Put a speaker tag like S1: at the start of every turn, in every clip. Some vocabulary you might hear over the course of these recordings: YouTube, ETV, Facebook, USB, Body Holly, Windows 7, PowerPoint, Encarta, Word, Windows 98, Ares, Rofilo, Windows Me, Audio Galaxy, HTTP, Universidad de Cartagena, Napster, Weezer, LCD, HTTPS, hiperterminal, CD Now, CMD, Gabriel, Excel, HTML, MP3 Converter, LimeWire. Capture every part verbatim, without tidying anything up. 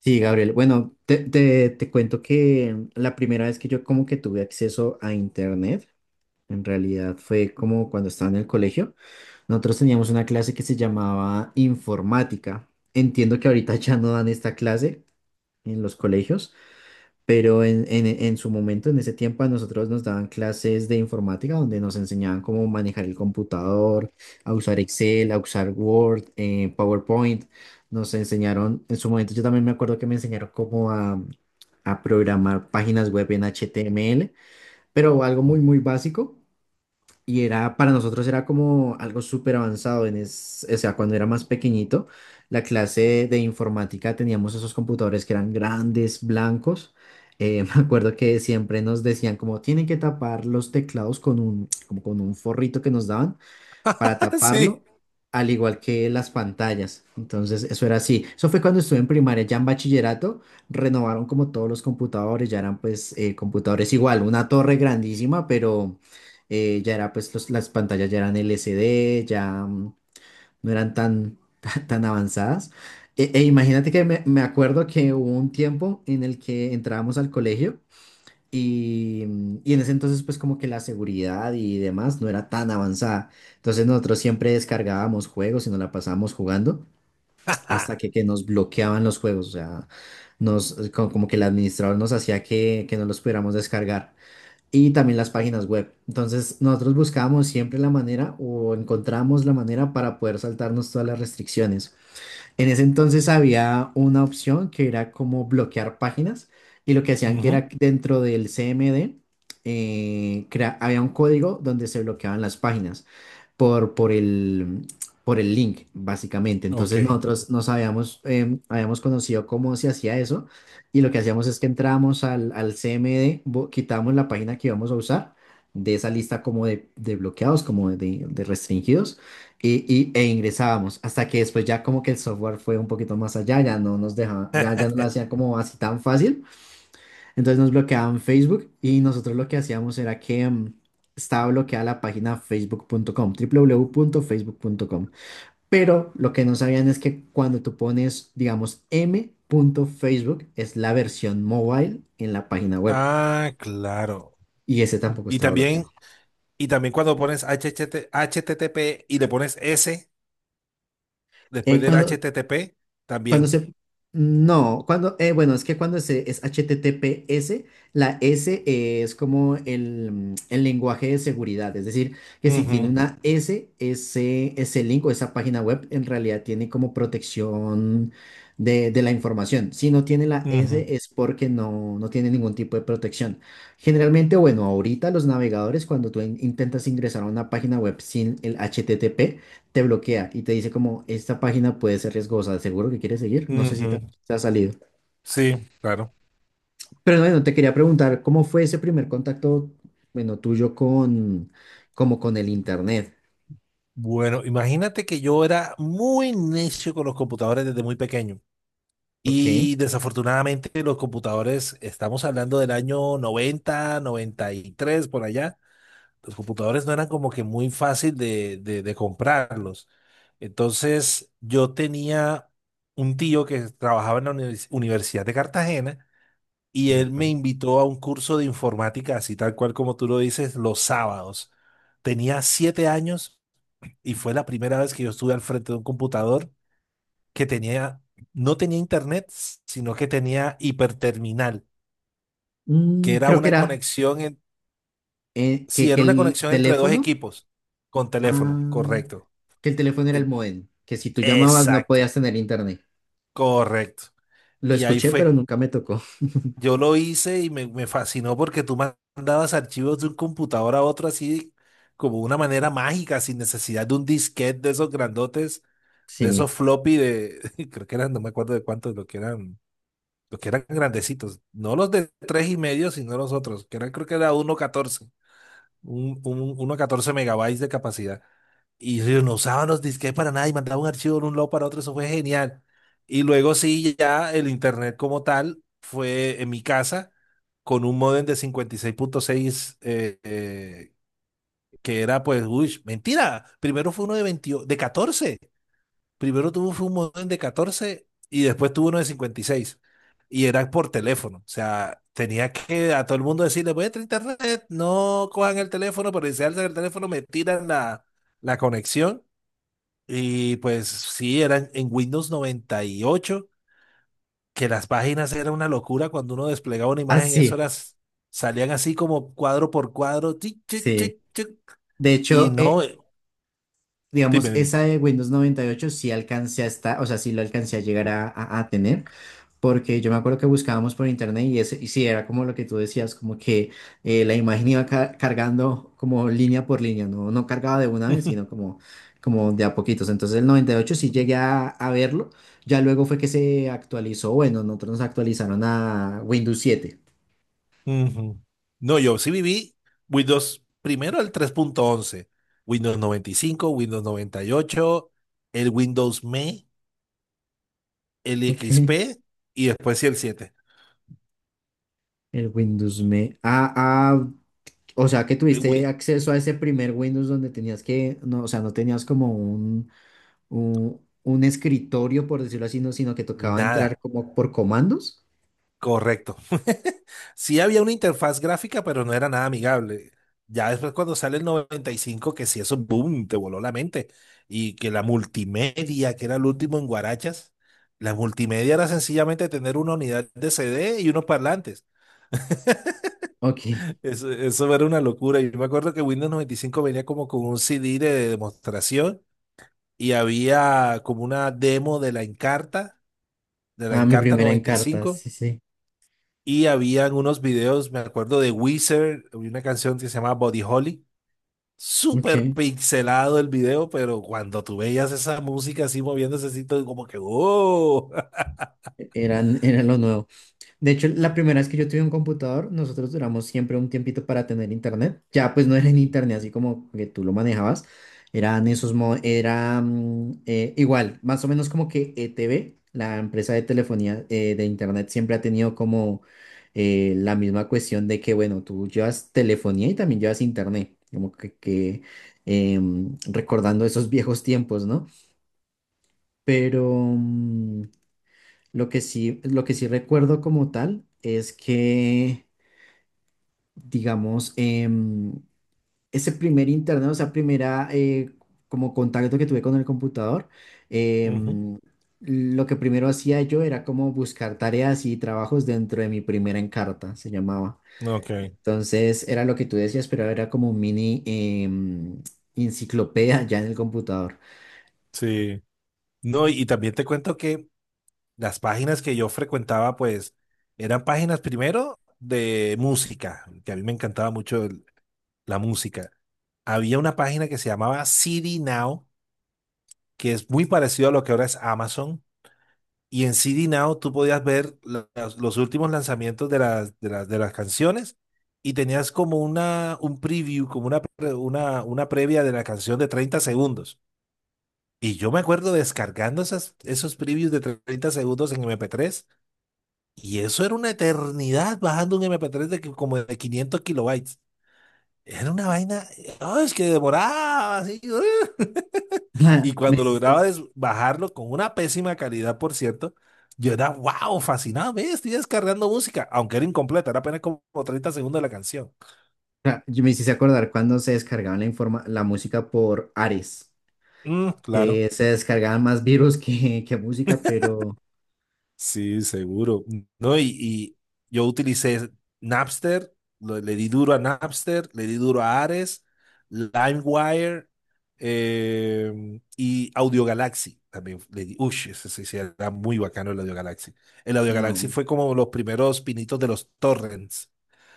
S1: Sí, Gabriel. Bueno, te, te- te cuento que la primera vez que yo como que tuve acceso a internet, en realidad fue como cuando estaba en el colegio. Nosotros teníamos una clase que se llamaba informática. Entiendo que ahorita ya no dan esta clase en los colegios, pero en, en, en su momento, en ese tiempo, a nosotros nos daban clases de informática donde nos enseñaban cómo manejar el computador, a usar Excel, a usar Word, eh, PowerPoint. Nos enseñaron, en su momento yo también me acuerdo que me enseñaron cómo a, a programar páginas web en H T M L, pero algo muy, muy básico. Y era, para nosotros era como algo súper avanzado, en es, o sea, cuando era más pequeñito, la clase de informática teníamos esos computadores que eran grandes, blancos. Eh, me acuerdo que siempre nos decían como tienen que tapar los teclados con un, como con un forrito que nos daban para
S2: Sí.
S1: taparlo, al igual que las pantallas. Entonces, eso era así. Eso fue cuando estuve en primaria, ya en bachillerato, renovaron como todos los computadores, ya eran pues eh, computadores igual, una torre grandísima, pero eh, ya era pues los- las pantallas ya eran L C D, ya mm, no eran tan, tan, tan avanzadas. E, e imagínate que me, me acuerdo que hubo un tiempo en el que entrábamos al colegio. Y, y en ese entonces, pues como que la seguridad y demás no era tan avanzada. Entonces nosotros siempre descargábamos juegos y nos la pasábamos jugando hasta que, que nos bloqueaban los juegos. O sea, nos, eh, co- como, que el administrador nos hacía que, que no los pudiéramos descargar. Y también las páginas web. Entonces nosotros buscábamos siempre la manera o encontrábamos la manera para poder saltarnos todas las restricciones. En ese entonces había una opción que era como bloquear páginas y lo que hacían que era
S2: Ujú,
S1: que dentro del C M D eh, crea- había un código donde se bloqueaban las páginas por, por el, por el link, básicamente.
S2: Ok.
S1: Entonces nosotros nos habíamos, em, habíamos conocido cómo se hacía eso y lo que hacíamos es que entrábamos al, al C M D, bo- quitábamos la página que íbamos a usar de esa lista como de, de bloqueados, como de, de restringidos y, y- e ingresábamos hasta que después ya como que el software fue un poquito más allá, ya no nos dejaba, ya, ya no lo hacía como así tan fácil. Entonces nos bloqueaban Facebook y nosotros lo que hacíamos era que mm, estaba bloqueada la página facebook punto com, doble u, doble u, doble u, punto facebook punto com. Pero lo que no sabían es que cuando tú pones, digamos, m.facebook es la versión mobile en la página web
S2: Ah, claro.
S1: y ese tampoco
S2: Y
S1: estaba
S2: también,
S1: bloqueado.
S2: y también cuando pones h h t t H t t p y le pones S después
S1: Eh,
S2: del
S1: cuando
S2: h t t p
S1: Cuando
S2: también.
S1: se... No, cuando... eh, bueno, es que cuando se, es H T T P S. La S eh, es como el, mm, el lenguaje de seguridad. Es decir, que si tiene
S2: Ujú,
S1: una S, ese, ese link o esa página web en realidad tiene como protección de, de la información. Si no tiene la
S2: ujú,
S1: S es porque no, no tiene ningún tipo de protección. Generalmente, bueno, ahorita los navegadores, cuando tú in- intentas ingresar a una página web sin el H T T P, te bloquea y te dice como, esta página puede ser riesgosa. ¿Seguro que quieres seguir? No sé si te, ha
S2: ujú.
S1: te ha salido.
S2: Sí, claro.
S1: Pero bueno, te quería preguntar, ¿cómo fue ese primer contacto, bueno, tuyo con, como con el internet?
S2: Bueno, imagínate que yo era muy necio con los computadores desde muy pequeño.
S1: Ok,
S2: Y desafortunadamente los computadores, estamos hablando del año noventa, noventa y tres por allá. Los computadores no eran como que muy fácil de, de, de comprarlos. Entonces, yo tenía un tío que trabajaba en la univers- Universidad de Cartagena y
S1: de
S2: él me
S1: acuerdo.
S2: invitó a un curso de informática, así tal cual como tú lo dices, los sábados. Tenía siete años y fue la primera vez que yo estuve al frente de un computador que tenía, no tenía internet, sino que tenía hiperterminal, que
S1: Mm,
S2: era
S1: creo que
S2: una
S1: era
S2: conexión, en,
S1: eh,
S2: sí,
S1: que, que
S2: era una
S1: el
S2: conexión entre dos
S1: teléfono,
S2: equipos con teléfono,
S1: ah,
S2: correcto.
S1: que el teléfono era
S2: Eh,
S1: el modem, que si tú llamabas no
S2: Exacto,
S1: podías tener internet.
S2: correcto.
S1: Lo
S2: Y ahí
S1: escuché, pero
S2: fue,
S1: nunca me tocó.
S2: yo lo hice y me, me fascinó porque tú mandabas archivos de un computador a otro así, como una manera mágica, sin necesidad de un disquete de esos grandotes, de
S1: Sí.
S2: esos floppy de, creo que eran, no me acuerdo de cuántos, lo que eran, lo que eran grandecitos, no los de tres y medio, sino los otros, que eran creo que era uno punto catorce un, un- uno a catorce megabytes de capacidad. Y ellos no usaban los disquetes para nada y mandaban un archivo de un lado para otro, eso fue genial. Y luego sí, ya el internet como tal fue en mi casa con un modem de cincuenta y seis punto seis eh, eh, que era pues, uy, mentira, primero fue uno de veinte de catorce. Primero tuvo fue un modem de catorce y después tuvo uno de cincuenta y seis, y era por teléfono. O sea, tenía que a todo el mundo decirle, voy a entrar a internet, no cojan el teléfono, pero si alzan el teléfono me tiran la, la conexión. Y pues sí, eran en Windows noventa y ocho, que las páginas eran una locura. Cuando uno desplegaba una
S1: Ah,
S2: imagen,
S1: sí,
S2: eso las salían así como cuadro por cuadro, tic, tic,
S1: sí.
S2: tic, tic.
S1: De
S2: Y
S1: hecho,
S2: no,
S1: eh,
S2: eh,
S1: digamos,
S2: dime, dime.
S1: esa de Windows noventa y ocho sí alcancé a estar, o sea, sí lo alcancé a llegar a, a- a tener, porque yo me acuerdo que buscábamos por internet y, ese, y sí, era como lo que tú decías, como que eh, la imagen iba ca- cargando como línea por línea, no, no cargaba de una vez, sino como, como de a poquitos. Entonces el noventa y ocho sí llegué a, a verlo, ya luego fue que se actualizó, bueno, nosotros nos actualizaron a Windows siete.
S2: Ujú. No, yo sí viví Windows, primero el tres punto once, Windows noventa y cinco, Windows noventa y ocho, el Windows M E, el
S1: Ok.
S2: X P y después sí el siete.
S1: El Windows Me. A, O sea que
S2: El
S1: tuviste
S2: Win-
S1: acceso a ese primer Windows donde tenías que, no, o sea, no tenías como un, un, un, escritorio, por decirlo así, no, sino que tocaba entrar
S2: Nada,
S1: como por comandos.
S2: correcto. Sí había una interfaz gráfica, pero no era nada amigable. Ya después cuando sale el noventa y cinco, que sí, eso, boom, te voló la mente. Y que la multimedia, que era el último en Guarachas, la multimedia era sencillamente tener una unidad de C D y unos parlantes.
S1: Ok.
S2: Eso, eso era una locura. Yo me acuerdo que Windows noventa y cinco venía como con un C D de demostración y había como una demo de la Encarta, de la
S1: Ah, mi
S2: Encarta
S1: primera en cartas,
S2: noventa y cinco,
S1: sí, sí.
S2: y cinco, y habían unos videos, me acuerdo de Weezer, había una canción que se llama Body Holly. Súper
S1: Ok.
S2: pixelado el video, pero cuando tú veías esa música así moviéndose así, todo como que ¡oh!
S1: Eran, era lo nuevo. De hecho, la primera vez que yo tuve un computador, nosotros duramos siempre un tiempito para tener internet. Ya pues no era en internet así como que tú lo manejabas. Eran esos, mo- era mm, eh, igual, más o menos como que E T V, la empresa de telefonía eh, de internet, siempre ha tenido como eh, la misma cuestión de que, bueno, tú llevas telefonía y también llevas internet. Como que, que, em, recordando esos viejos tiempos, ¿no? Pero, mm, lo que sí, lo que sí recuerdo como tal es que, digamos, em, ese primer internet, o sea, primera eh, como contacto que tuve con el computador,
S2: Ujú,
S1: em, lo que primero hacía yo era como buscar tareas y trabajos dentro de mi primera Encarta, se llamaba.
S2: Ok,
S1: Entonces era lo que tú decías, pero era como un mini, em, enciclopedia ya en el computador.
S2: sí. No, y y también te cuento que las páginas que yo frecuentaba, pues, eran páginas primero de música, que a mí me encantaba mucho el- la música. Había una página que se llamaba C D Now, que es muy parecido a lo que ahora es Amazon. Y en C D Now tú podías ver la- las- los últimos lanzamientos de las, de las, de las canciones, y tenías como una, un preview, como una, pre- una, una previa de la canción de treinta segundos. Y yo me acuerdo descargando esas, esos previews de treinta segundos en M P tres. Y eso era una eternidad bajando un M P tres de que- como de quinientos kilobytes. Era una vaina, ah, es que demoraba así. Y
S1: Me
S2: cuando
S1: hiciste,
S2: lograba des- bajarlo con una pésima calidad, por cierto, yo era, wow, fascinado, ve, estoy descargando música, aunque era incompleta, era apenas como treinta segundos de la canción.
S1: ah, me hiciste acordar cuando se descargaba la informa- la música por Ares,
S2: Mm, claro.
S1: que se descargaban más virus que, que música, pero
S2: Sí, seguro. No, y, y yo utilicé Napster, lo- le di duro a Napster, le di duro a Ares, LimeWire, eh, y Audio Galaxy. También le di, uy, ese sí, sí, era muy bacano el Audio Galaxy. El Audio Galaxy
S1: no.
S2: fue como los primeros pinitos de los torrents.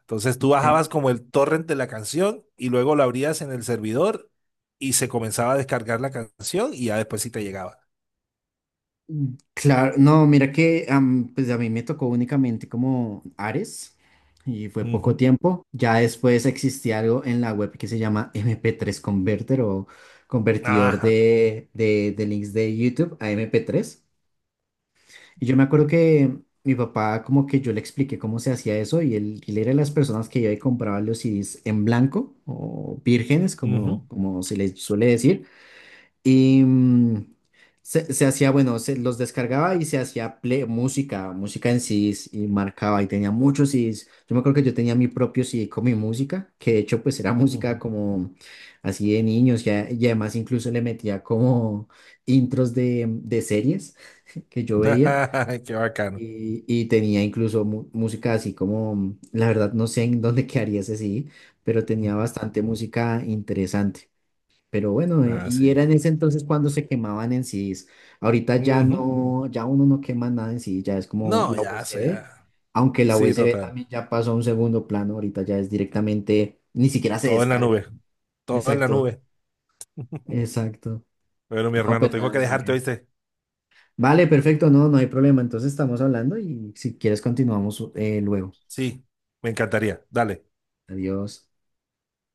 S2: Entonces tú
S1: Ok.
S2: bajabas como el torrent de la canción y luego lo abrías en el servidor, y se comenzaba a descargar la canción y ya después sí te llegaba.
S1: Mm, claro, no, mira que am, pues a mí me tocó únicamente como Ares y fue poco
S2: Ujú.
S1: tiempo. Ya después existía algo en la web que se llama M P tres Converter o convertidor
S2: Ajá.
S1: de, de, de links de YouTube a M P tres. Y yo me acuerdo que mi papá, como que yo le expliqué cómo se hacía eso, y él, él era de las personas que iba y compraba los C Ds en blanco o vírgenes,
S2: Ujú,
S1: como, como se les suele decir. Y mm, se, se hacía, bueno, se los descargaba y se hacía play- música, música en C Ds y marcaba y tenía muchos C Ds. Yo me acuerdo que yo tenía mi propio C D con mi música, que de hecho, pues era música
S2: ujú.
S1: como así de niños, y, a- y además incluso le metía como intros de, de series que yo veía.
S2: Qué bacano.
S1: Y, y tenía incluso mu- música así como, mm, la verdad no sé en dónde quedaría ese sí, pero tenía bastante música interesante. Pero bueno, eh,
S2: Nada,
S1: y
S2: sí.
S1: era en ese entonces cuando se quemaban en C Ds. Ahorita ya
S2: Ujú.
S1: no, ya uno no quema nada en C D, ya es como
S2: No,
S1: la
S2: ya, eso
S1: U S B,
S2: ya.
S1: aunque la
S2: Sí,
S1: U S B
S2: total.
S1: también ya pasó a un segundo plano, ahorita ya es directamente, ni siquiera se
S2: Todo en la
S1: descarga.
S2: nube. Todo en la
S1: Exacto,
S2: nube.
S1: exacto.
S2: Bueno, mi
S1: No,
S2: hermano,
S1: pues
S2: tengo que
S1: nada,
S2: dejarte,
S1: Gabriel.
S2: ¿oíste?
S1: Vale, perfecto, no, no hay problema. Entonces estamos hablando y si quieres continuamos eh, luego.
S2: Sí, me encantaría. Dale.
S1: Adiós.